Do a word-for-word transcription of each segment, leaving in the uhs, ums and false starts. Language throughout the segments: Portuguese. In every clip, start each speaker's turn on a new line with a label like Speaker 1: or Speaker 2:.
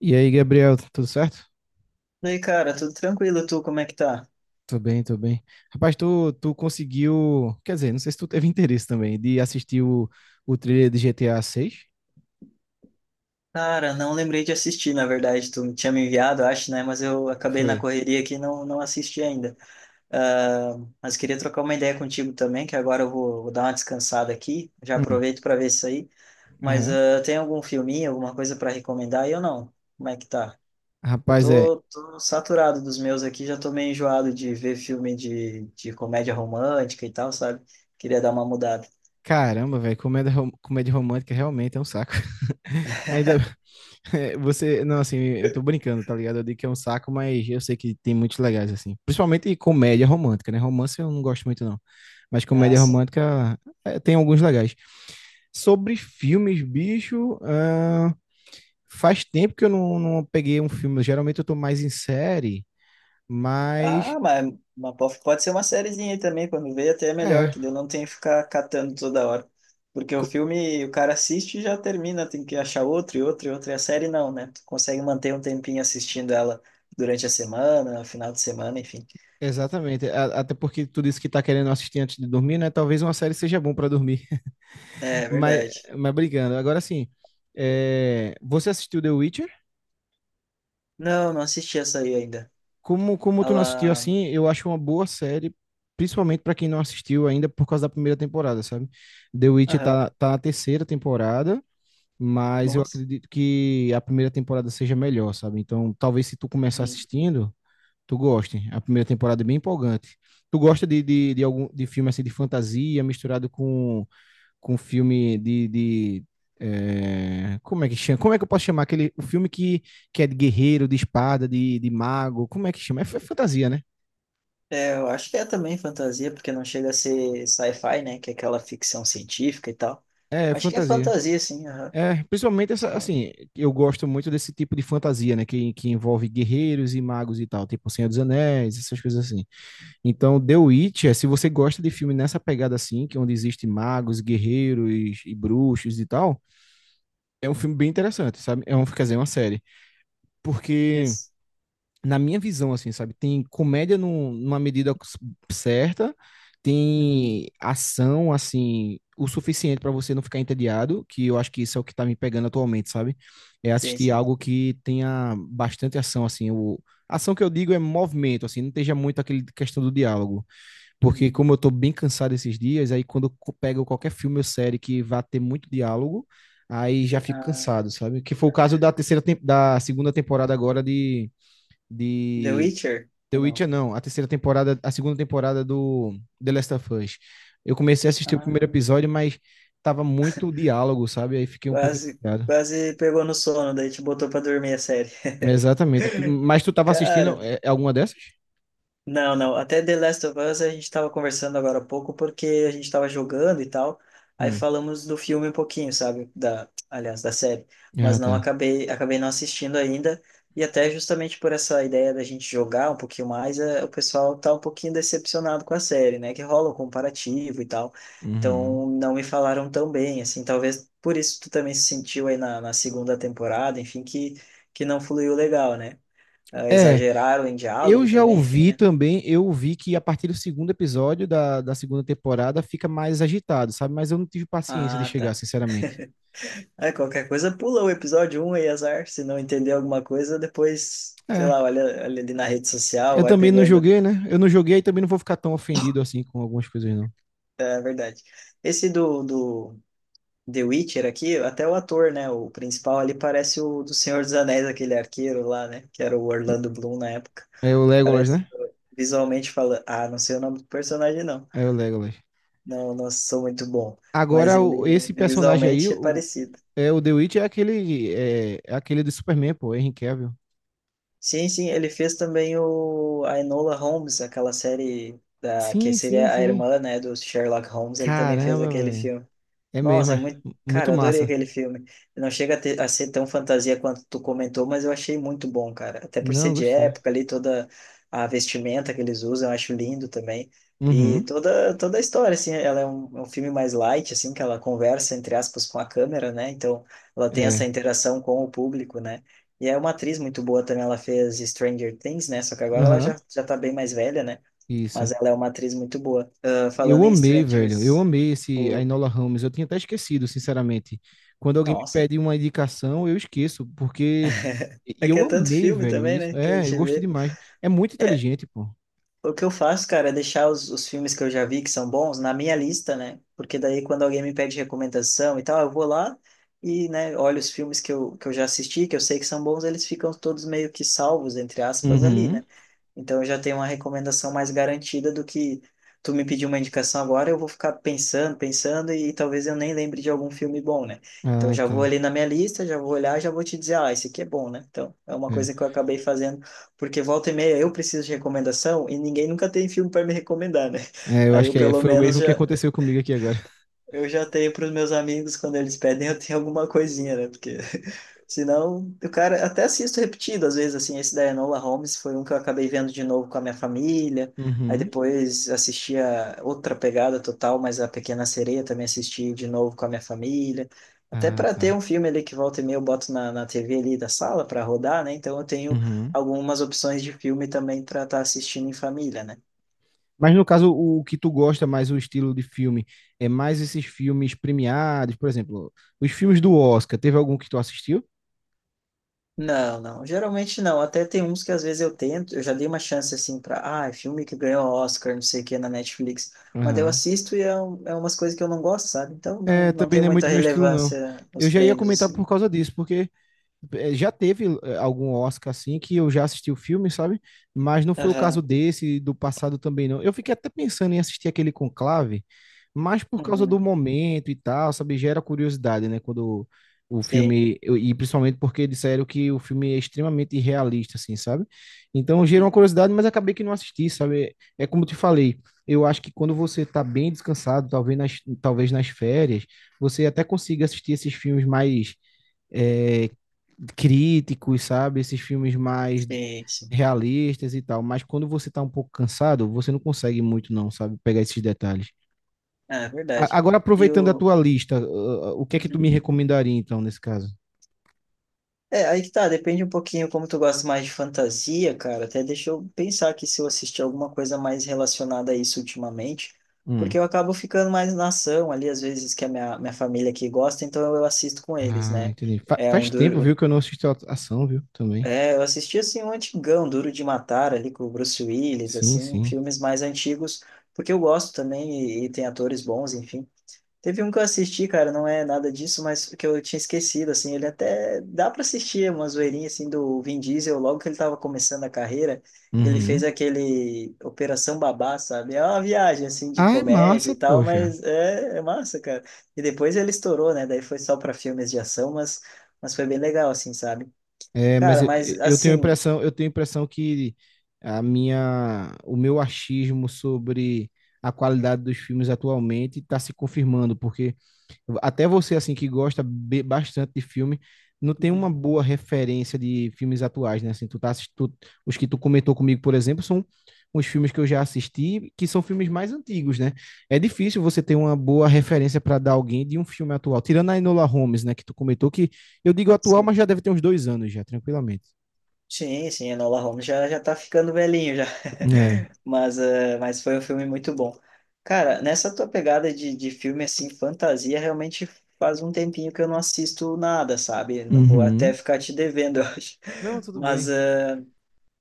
Speaker 1: E aí, Gabriel, tudo certo?
Speaker 2: E aí, cara, tudo tranquilo? Tu, como é que tá?
Speaker 1: Tô bem, tô bem. Rapaz, tu, tu conseguiu, quer dizer, não sei se tu teve interesse também de assistir o, o trailer de G T A seis?
Speaker 2: Cara, não lembrei de assistir, na verdade. Tu tinha me enviado, acho, né? Mas eu acabei na
Speaker 1: Foi.
Speaker 2: correria aqui e não, não assisti ainda. Ah, mas queria trocar uma ideia contigo também, que agora eu vou, vou dar uma descansada aqui. Já
Speaker 1: Hum,
Speaker 2: aproveito para ver isso aí. Mas
Speaker 1: aham.
Speaker 2: ah, tem algum filminho, alguma coisa para recomendar aí ou não? Como é que tá? Eu
Speaker 1: Rapaz, é,
Speaker 2: tô, tô saturado dos meus aqui, já tô meio enjoado de ver filme de, de comédia romântica e tal, sabe? Queria dar uma mudada.
Speaker 1: Caramba, velho, comédia, rom- comédia romântica realmente é um saco. Ainda é, você, não, assim, eu tô brincando, tá ligado? Eu digo que é um saco, mas eu sei que tem muitos legais, assim. Principalmente comédia romântica, né? Romance eu não gosto muito, não. Mas
Speaker 2: Ah,
Speaker 1: comédia
Speaker 2: sim.
Speaker 1: romântica é, tem alguns legais. Sobre filmes, bicho, ahn, faz tempo que eu não, não peguei um filme. Geralmente eu tô mais em série, mas
Speaker 2: Ah, mas, mas po- pode ser uma sériezinha aí também, quando vê até é melhor,
Speaker 1: é.
Speaker 2: que daí eu não tenho que ficar catando toda hora. Porque o filme, o cara assiste e já termina, tem que achar outro e outro e outro, e a série não, né? Tu consegue manter um tempinho assistindo ela durante a semana, final de semana, enfim.
Speaker 1: Exatamente, A- até porque tu disse que tá querendo assistir antes de dormir, né? Talvez uma série seja bom pra dormir,
Speaker 2: É,
Speaker 1: mas,
Speaker 2: verdade.
Speaker 1: mas brincando. Agora sim, é, você assistiu The Witcher?
Speaker 2: Não, não assisti essa aí ainda.
Speaker 1: Como, como tu não assistiu
Speaker 2: Ela...
Speaker 1: assim, eu acho uma boa série, principalmente pra quem não assistiu ainda por causa da primeira temporada, sabe? The Witcher
Speaker 2: Aham.
Speaker 1: tá, tá na terceira temporada, mas eu
Speaker 2: Nossa.
Speaker 1: acredito que a primeira temporada seja melhor, sabe? Então, talvez se tu começar
Speaker 2: Uhum.
Speaker 1: assistindo, tu gosta. A primeira temporada é bem empolgante. Tu gosta de, de, de algum de filme assim de fantasia misturado com, com filme de, de é, como é que chama? Como é que eu posso chamar aquele o filme que, que é de guerreiro, de espada, de, de mago? Como é que chama? É, f- fantasia, né?
Speaker 2: É, eu acho que é também fantasia, porque não chega a ser sci-fi, né? Que é aquela ficção científica e tal.
Speaker 1: É é
Speaker 2: Acho que é
Speaker 1: fantasia.
Speaker 2: fantasia, sim, aham.
Speaker 1: É, principalmente essa,
Speaker 2: Só
Speaker 1: assim, eu gosto muito desse tipo de fantasia, né? Que, que envolve guerreiros e magos e tal, tipo Senhor dos Anéis, essas coisas assim. Então, The Witcher, se você gosta de filme nessa pegada assim, que é onde existe magos, guerreiros e bruxos e tal, é um filme bem interessante, sabe? É um, quer dizer, é uma série. Porque,
Speaker 2: nesse-
Speaker 1: na minha visão, assim, sabe, tem comédia num- numa medida certa,
Speaker 2: Uhum.
Speaker 1: tem ação, assim, o suficiente para você não ficar entediado, que eu acho que isso é o que tá me pegando atualmente, sabe? É
Speaker 2: Sim,
Speaker 1: assistir
Speaker 2: sim.
Speaker 1: algo que tenha bastante ação, assim, o... Ação que eu digo é movimento, assim, não esteja muito aquele questão do diálogo. Porque
Speaker 2: Uhum.
Speaker 1: como eu tô bem cansado esses dias, aí quando eu pego qualquer filme ou série que vá ter muito diálogo, aí já fico
Speaker 2: Ah,
Speaker 1: cansado, sabe? Que foi o caso da terceira tem- da segunda temporada agora de
Speaker 2: The
Speaker 1: de
Speaker 2: Witcher?
Speaker 1: The
Speaker 2: Ou não?
Speaker 1: Witcher, não, a terceira temporada, a segunda temporada do The Last of Us. Eu comecei a assistir o primeiro
Speaker 2: Ah,
Speaker 1: episódio, mas tava muito diálogo, sabe? Aí fiquei um pouco
Speaker 2: quase,
Speaker 1: entediado.
Speaker 2: quase pegou no sono, daí te botou pra dormir a série.
Speaker 1: Exatamente. Mas tu tava assistindo
Speaker 2: Cara,
Speaker 1: é, é alguma dessas?
Speaker 2: Não, não. Até The Last of Us a gente estava conversando agora há pouco porque a gente estava jogando e tal. Aí
Speaker 1: Hum.
Speaker 2: falamos do filme um pouquinho, sabe? Da, aliás, da série.
Speaker 1: Ah,
Speaker 2: Mas não
Speaker 1: tá.
Speaker 2: acabei, acabei não assistindo ainda. E até justamente por essa ideia da gente jogar um pouquinho mais, eh, o pessoal tá um pouquinho decepcionado com a série, né? Que rola o comparativo e tal.
Speaker 1: Uhum.
Speaker 2: Então não me falaram tão bem, assim. Talvez por isso tu também se sentiu aí na, na segunda temporada, enfim, que, que não fluiu legal, né? Ah,
Speaker 1: É,
Speaker 2: exageraram em
Speaker 1: eu
Speaker 2: diálogo
Speaker 1: já
Speaker 2: também, enfim,
Speaker 1: ouvi
Speaker 2: né?
Speaker 1: também, eu ouvi que a partir do segundo episódio da, da segunda temporada fica mais agitado, sabe? Mas eu não tive paciência de
Speaker 2: Ah,
Speaker 1: chegar,
Speaker 2: tá.
Speaker 1: sinceramente.
Speaker 2: É, qualquer coisa, pula o episódio um aí, azar. Se não entender alguma coisa, depois, sei
Speaker 1: É,
Speaker 2: lá, olha, olha ali na rede social,
Speaker 1: eu
Speaker 2: vai
Speaker 1: também não
Speaker 2: pegando.
Speaker 1: joguei, né? Eu não joguei e também não vou ficar tão ofendido assim com algumas coisas, não.
Speaker 2: É verdade. Esse do, do The Witcher aqui, até o ator, né? O principal ali parece o do Senhor dos Anéis, aquele arqueiro lá, né? Que era o Orlando Bloom na época.
Speaker 1: É o Legolas,
Speaker 2: Parece,
Speaker 1: né?
Speaker 2: visualmente falando. Ah, não sei o nome do personagem, não.
Speaker 1: É o Legolas.
Speaker 2: Não, não sou muito bom. Mas
Speaker 1: Agora, o-
Speaker 2: ele
Speaker 1: esse personagem aí,
Speaker 2: visualmente é
Speaker 1: o,
Speaker 2: parecido.
Speaker 1: é, o The Witch é aquele, é, é aquele do Superman, pô, Henry Cavill.
Speaker 2: Sim, sim, ele fez também o, a Enola Holmes, aquela série da, que
Speaker 1: Sim, sim,
Speaker 2: seria a
Speaker 1: sim.
Speaker 2: irmã, né, do Sherlock Holmes, ele também fez
Speaker 1: Caramba,
Speaker 2: aquele
Speaker 1: velho.
Speaker 2: filme.
Speaker 1: É mesmo,
Speaker 2: Nossa, é
Speaker 1: é
Speaker 2: muito. Cara,
Speaker 1: muito
Speaker 2: eu adorei
Speaker 1: massa.
Speaker 2: aquele filme. Não chega a, ter- a ser tão fantasia quanto tu comentou, mas eu achei muito bom, cara. Até por ser
Speaker 1: Não,
Speaker 2: de
Speaker 1: gostei.
Speaker 2: época ali, toda a vestimenta que eles usam, eu acho lindo também.
Speaker 1: Uhum,
Speaker 2: E toda, toda a história, assim, ela é um, é um filme mais light, assim, que ela conversa, entre aspas, com a câmera, né? Então, ela tem essa
Speaker 1: é.
Speaker 2: interação com o público, né? E é uma atriz muito boa também, ela fez Stranger Things, né? Só que agora ela
Speaker 1: Aham,
Speaker 2: já, já tá bem mais velha, né?
Speaker 1: isso.
Speaker 2: Mas ela é uma atriz muito boa. Ah,
Speaker 1: Eu
Speaker 2: falando em
Speaker 1: amei, velho. Eu
Speaker 2: Strangers,
Speaker 1: amei esse a
Speaker 2: o...
Speaker 1: Enola Holmes. Eu tinha até esquecido, sinceramente. Quando alguém me
Speaker 2: Nossa,
Speaker 1: pede uma indicação, eu esqueço, porque. E
Speaker 2: é que
Speaker 1: eu
Speaker 2: é tanto
Speaker 1: amei,
Speaker 2: filme
Speaker 1: velho,
Speaker 2: também,
Speaker 1: isso.
Speaker 2: né? Que a
Speaker 1: É, eu
Speaker 2: gente
Speaker 1: gostei
Speaker 2: vê.
Speaker 1: demais. É muito
Speaker 2: É,
Speaker 1: inteligente, pô.
Speaker 2: o que eu faço, cara, é deixar os, os filmes que eu já vi que são bons na minha lista, né? Porque daí quando alguém me pede recomendação e tal, eu vou lá e, né, olho os filmes que eu, que eu já assisti, que eu sei que são bons, eles ficam todos meio que salvos, entre aspas, ali,
Speaker 1: Uhum.
Speaker 2: né? Então eu já tenho uma recomendação mais garantida do que tu me pedir uma indicação agora, eu vou ficar pensando, pensando e talvez eu nem lembre de algum filme bom, né? Então eu
Speaker 1: Ah,
Speaker 2: já vou
Speaker 1: tá.
Speaker 2: ali na minha lista, já vou olhar, já vou te dizer, ah, esse aqui é bom, né? Então é uma
Speaker 1: É,
Speaker 2: coisa que eu acabei fazendo, porque volta e meia eu preciso de recomendação e ninguém nunca tem filme para me recomendar, né?
Speaker 1: É, eu
Speaker 2: Aí
Speaker 1: acho
Speaker 2: eu
Speaker 1: que é-
Speaker 2: pelo
Speaker 1: foi o
Speaker 2: menos
Speaker 1: mesmo que
Speaker 2: já
Speaker 1: aconteceu comigo aqui agora.
Speaker 2: eu já tenho para os meus amigos, quando eles pedem, eu tenho alguma coisinha, né? Porque senão, o cara até assisto repetido, às vezes, assim, esse da Enola Holmes foi um que eu acabei vendo de novo com a minha família. Aí
Speaker 1: Uhum.
Speaker 2: depois assisti a outra pegada total, mas a Pequena Sereia também assisti de novo com a minha família. Até
Speaker 1: Ah,
Speaker 2: para ter
Speaker 1: tá.
Speaker 2: um filme ali que volta e meia eu boto na, na T V ali da sala para rodar, né? Então eu tenho
Speaker 1: Uhum.
Speaker 2: algumas opções de filme também para estar assistindo em família, né?
Speaker 1: Mas no caso, o o que tu gosta mais, o estilo de filme, é mais esses filmes premiados, por exemplo, os filmes do Oscar. Teve algum que tu assistiu?
Speaker 2: Não, não. Geralmente não. Até tem uns que às vezes eu tento, eu já dei uma chance assim pra, ah, é filme que ganhou Oscar, não sei o que, na Netflix. Mas daí eu
Speaker 1: Aham.
Speaker 2: assisto e é, um- é umas coisas que eu não gosto, sabe? Então não,
Speaker 1: É,
Speaker 2: não
Speaker 1: também
Speaker 2: tem
Speaker 1: não é
Speaker 2: muita
Speaker 1: muito meu estilo, não.
Speaker 2: relevância os
Speaker 1: Eu já ia
Speaker 2: prêmios,
Speaker 1: comentar por
Speaker 2: assim.
Speaker 1: causa disso, porque eh, já teve eh, algum Oscar assim que eu já assisti o filme, sabe? Mas não foi o
Speaker 2: Aham.
Speaker 1: caso desse, do passado também não. Eu fiquei até pensando em assistir aquele Conclave, mas por causa do
Speaker 2: Uhum.
Speaker 1: momento e tal, sabe? Gera curiosidade, né? Quando o
Speaker 2: Sim.
Speaker 1: filme, eu- e principalmente porque disseram que o filme é extremamente irrealista, assim, sabe? Então gerou uma
Speaker 2: Uhum.
Speaker 1: curiosidade, mas acabei que não assisti, sabe? É como eu te falei, eu acho que quando você tá bem descansado, talvez nas, talvez nas férias, você até consiga assistir esses filmes mais é, críticos, sabe? Esses filmes mais
Speaker 2: Sim, sim.
Speaker 1: realistas e tal. Mas quando você tá um pouco cansado, você não consegue muito, não, sabe? Pegar esses detalhes.
Speaker 2: Ah, é
Speaker 1: A-
Speaker 2: verdade.
Speaker 1: Agora,
Speaker 2: E
Speaker 1: aproveitando a
Speaker 2: o.
Speaker 1: tua lista, ah, o que é que tu me
Speaker 2: Uhum.
Speaker 1: recomendaria, então, nesse caso?
Speaker 2: É, aí que tá, depende um pouquinho como tu gosta mais de fantasia, cara. Até deixa eu pensar aqui se eu assisti alguma coisa mais relacionada a isso ultimamente,
Speaker 1: Hum.
Speaker 2: porque eu acabo ficando mais na ação ali, às vezes que a minha, minha família aqui gosta, então eu assisto com eles,
Speaker 1: Ah,
Speaker 2: né?
Speaker 1: entendi. Fa-
Speaker 2: É um
Speaker 1: faz tempo, viu,
Speaker 2: duro.
Speaker 1: que eu não assisto a ação, viu? Também.
Speaker 2: É, eu assisti assim um antigão, Duro de Matar ali com o Bruce Willis,
Speaker 1: Sim,
Speaker 2: assim,
Speaker 1: sim.
Speaker 2: filmes mais antigos, porque eu gosto também e, e tem atores bons, enfim. Teve um que eu assisti, cara, não é nada disso, mas que eu tinha esquecido, assim, ele até dá para assistir uma zoeirinha, assim, do Vin Diesel, logo que ele tava começando a carreira, ele fez
Speaker 1: Uhum.
Speaker 2: aquele Operação Babá, sabe? É uma viagem, assim, de
Speaker 1: Ah, é
Speaker 2: comédia
Speaker 1: massa,
Speaker 2: e tal,
Speaker 1: poxa.
Speaker 2: mas é, é massa, cara. E depois ele estourou, né? Daí foi só para filmes de ação, mas, mas foi bem legal, assim, sabe?
Speaker 1: É, mas
Speaker 2: Cara,
Speaker 1: eu,
Speaker 2: mas,
Speaker 1: eu tenho a
Speaker 2: assim,
Speaker 1: impressão, eu tenho a impressão que a minha, o meu achismo sobre a qualidade dos filmes atualmente está se confirmando, porque até você, assim, que gosta be- bastante de filme, não tem uma
Speaker 2: Uhum.
Speaker 1: boa referência de filmes atuais, né? Assim, tu tá assistindo os que tu comentou comigo, por exemplo, são os filmes que eu já assisti, que são filmes mais antigos, né? É difícil você ter uma boa referência para dar alguém de um filme atual. Tirando a Enola Holmes, né, que tu comentou, que eu digo atual,
Speaker 2: Sim.
Speaker 1: mas já deve ter uns dois anos já, tranquilamente.
Speaker 2: Sim, sim, Enola Holmes já, já tá ficando velhinho já.
Speaker 1: É.
Speaker 2: Mas, eh, mas foi um filme muito bom. Cara, nessa tua pegada de, de filme assim, fantasia, realmente faz um tempinho que eu não assisto nada, sabe? Vou até
Speaker 1: Uhum.
Speaker 2: ficar te devendo, eu acho.
Speaker 1: Não, tudo
Speaker 2: Mas,
Speaker 1: bem.
Speaker 2: eh,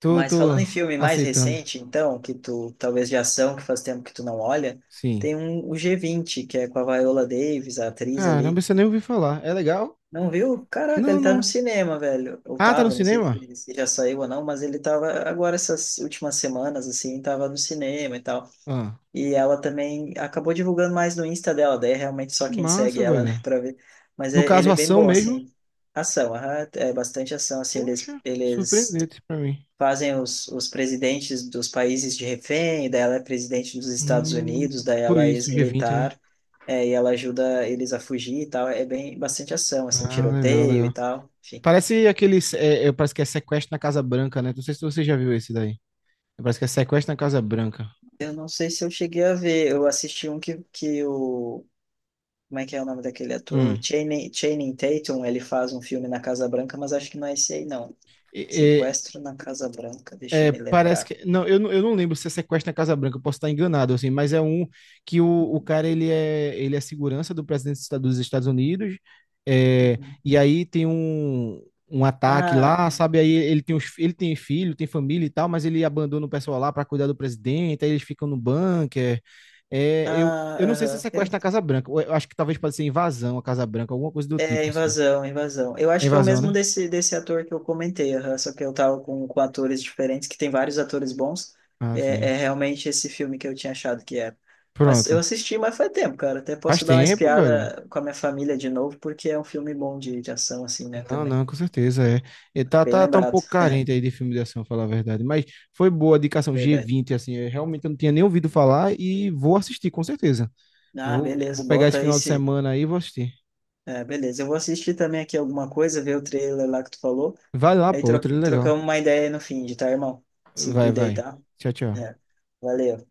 Speaker 1: Tô,
Speaker 2: mas
Speaker 1: tô
Speaker 2: falando em filme mais
Speaker 1: aceitando.
Speaker 2: recente, então, que tu talvez de ação, que faz tempo que tu não olha,
Speaker 1: Sim.
Speaker 2: tem um, o g vinte que é com a Viola Davis, a atriz
Speaker 1: Caramba,
Speaker 2: ali.
Speaker 1: você nem ouviu falar. É legal?
Speaker 2: Não viu? Caraca,
Speaker 1: Não,
Speaker 2: ele tá no
Speaker 1: não.
Speaker 2: cinema, velho. Ou
Speaker 1: Ah, tá no
Speaker 2: tava, não sei se,
Speaker 1: cinema?
Speaker 2: ele- se já saiu ou não, mas ele tava agora essas últimas semanas, assim, tava no cinema e tal.
Speaker 1: Ah,
Speaker 2: E ela também acabou divulgando mais no Insta dela, daí é realmente só
Speaker 1: que
Speaker 2: quem segue
Speaker 1: massa,
Speaker 2: ela, né,
Speaker 1: velho.
Speaker 2: pra ver. Mas
Speaker 1: No
Speaker 2: é- ele
Speaker 1: caso,
Speaker 2: é bem
Speaker 1: ação
Speaker 2: bom,
Speaker 1: mesmo?
Speaker 2: assim. Ação, aham, é bastante ação, assim, eles,
Speaker 1: Poxa,
Speaker 2: eles
Speaker 1: surpreendente pra mim.
Speaker 2: fazem os, os presidentes dos países de refém, daí ela é presidente dos Estados
Speaker 1: Hum,
Speaker 2: Unidos, daí
Speaker 1: por
Speaker 2: ela é
Speaker 1: isso, g vinte, né?
Speaker 2: ex-militar, é, e ela ajuda eles a fugir e tal. É bem bastante ação, assim,
Speaker 1: Ah, legal,
Speaker 2: tiroteio e
Speaker 1: legal.
Speaker 2: tal. Enfim,
Speaker 1: Parece aqueles. É, é, parece que é sequestro na Casa Branca, né? Não sei se você já viu esse daí. Parece que é sequestro na Casa Branca.
Speaker 2: eu não sei se eu cheguei a ver. Eu assisti um que, que o. Como é que é o nome daquele ator?
Speaker 1: Hum.
Speaker 2: Channing, Channing Tatum, ele faz um filme na Casa Branca, mas acho que não é esse aí, não.
Speaker 1: E-
Speaker 2: Sequestro na Casa Branca, deixa eu
Speaker 1: É,
Speaker 2: me
Speaker 1: parece
Speaker 2: lembrar.
Speaker 1: que. Não eu, não, eu não lembro se é sequestro na Casa Branca, eu posso estar enganado, assim, mas é um que o, o
Speaker 2: Uhum,
Speaker 1: cara ele é, ele é segurança do presidente dos Estados- dos Estados Unidos, é,
Speaker 2: uhum.
Speaker 1: e aí tem um, um ataque
Speaker 2: Ah,
Speaker 1: lá, sabe? Aí ele tem, os, ele tem filho, tem família e tal, mas ele abandona o pessoal lá para cuidar do presidente, aí eles ficam no bunker. É, eu,
Speaker 2: ah,
Speaker 1: eu não sei se é
Speaker 2: aham. É,
Speaker 1: sequestro na Casa Branca, eu acho que talvez pode ser invasão à Casa Branca, alguma coisa do
Speaker 2: é,
Speaker 1: tipo, assim.
Speaker 2: invasão, invasão. Eu
Speaker 1: É
Speaker 2: acho que é o
Speaker 1: invasão,
Speaker 2: mesmo
Speaker 1: né?
Speaker 2: desse, desse ator que eu comentei, aham, só que eu tava com, com atores diferentes, que tem vários atores bons.
Speaker 1: Ah,
Speaker 2: É,
Speaker 1: sim.
Speaker 2: é realmente esse filme que eu tinha achado que era. Mas eu
Speaker 1: Pronto.
Speaker 2: assisti, mas faz tempo, cara. Até
Speaker 1: Faz
Speaker 2: posso dar uma
Speaker 1: tempo, velho.
Speaker 2: espiada com a minha família de novo, porque é um filme bom de, de ação, assim, né,
Speaker 1: Não,
Speaker 2: também.
Speaker 1: não, com certeza é. E tá,
Speaker 2: Bem
Speaker 1: tá, tá um
Speaker 2: lembrado,
Speaker 1: pouco carente aí de filme de ação, falar a verdade. Mas foi boa a indicação g
Speaker 2: verdade.
Speaker 1: vinte, assim. Eu realmente eu não tinha nem ouvido falar e vou assistir, com certeza.
Speaker 2: Ah,
Speaker 1: Vou,
Speaker 2: beleza,
Speaker 1: vou pegar esse
Speaker 2: bota aí
Speaker 1: final de
Speaker 2: se.
Speaker 1: semana aí e vou assistir.
Speaker 2: É, beleza, eu vou assistir também aqui alguma coisa, ver o trailer lá que tu falou.
Speaker 1: Vai lá,
Speaker 2: Aí
Speaker 1: pô,
Speaker 2: tro
Speaker 1: outro legal.
Speaker 2: trocamos uma ideia aí no fim de, tá, irmão? Se
Speaker 1: Vai,
Speaker 2: cuida aí,
Speaker 1: vai.
Speaker 2: tá?
Speaker 1: Tchau, tchau.
Speaker 2: É. Valeu.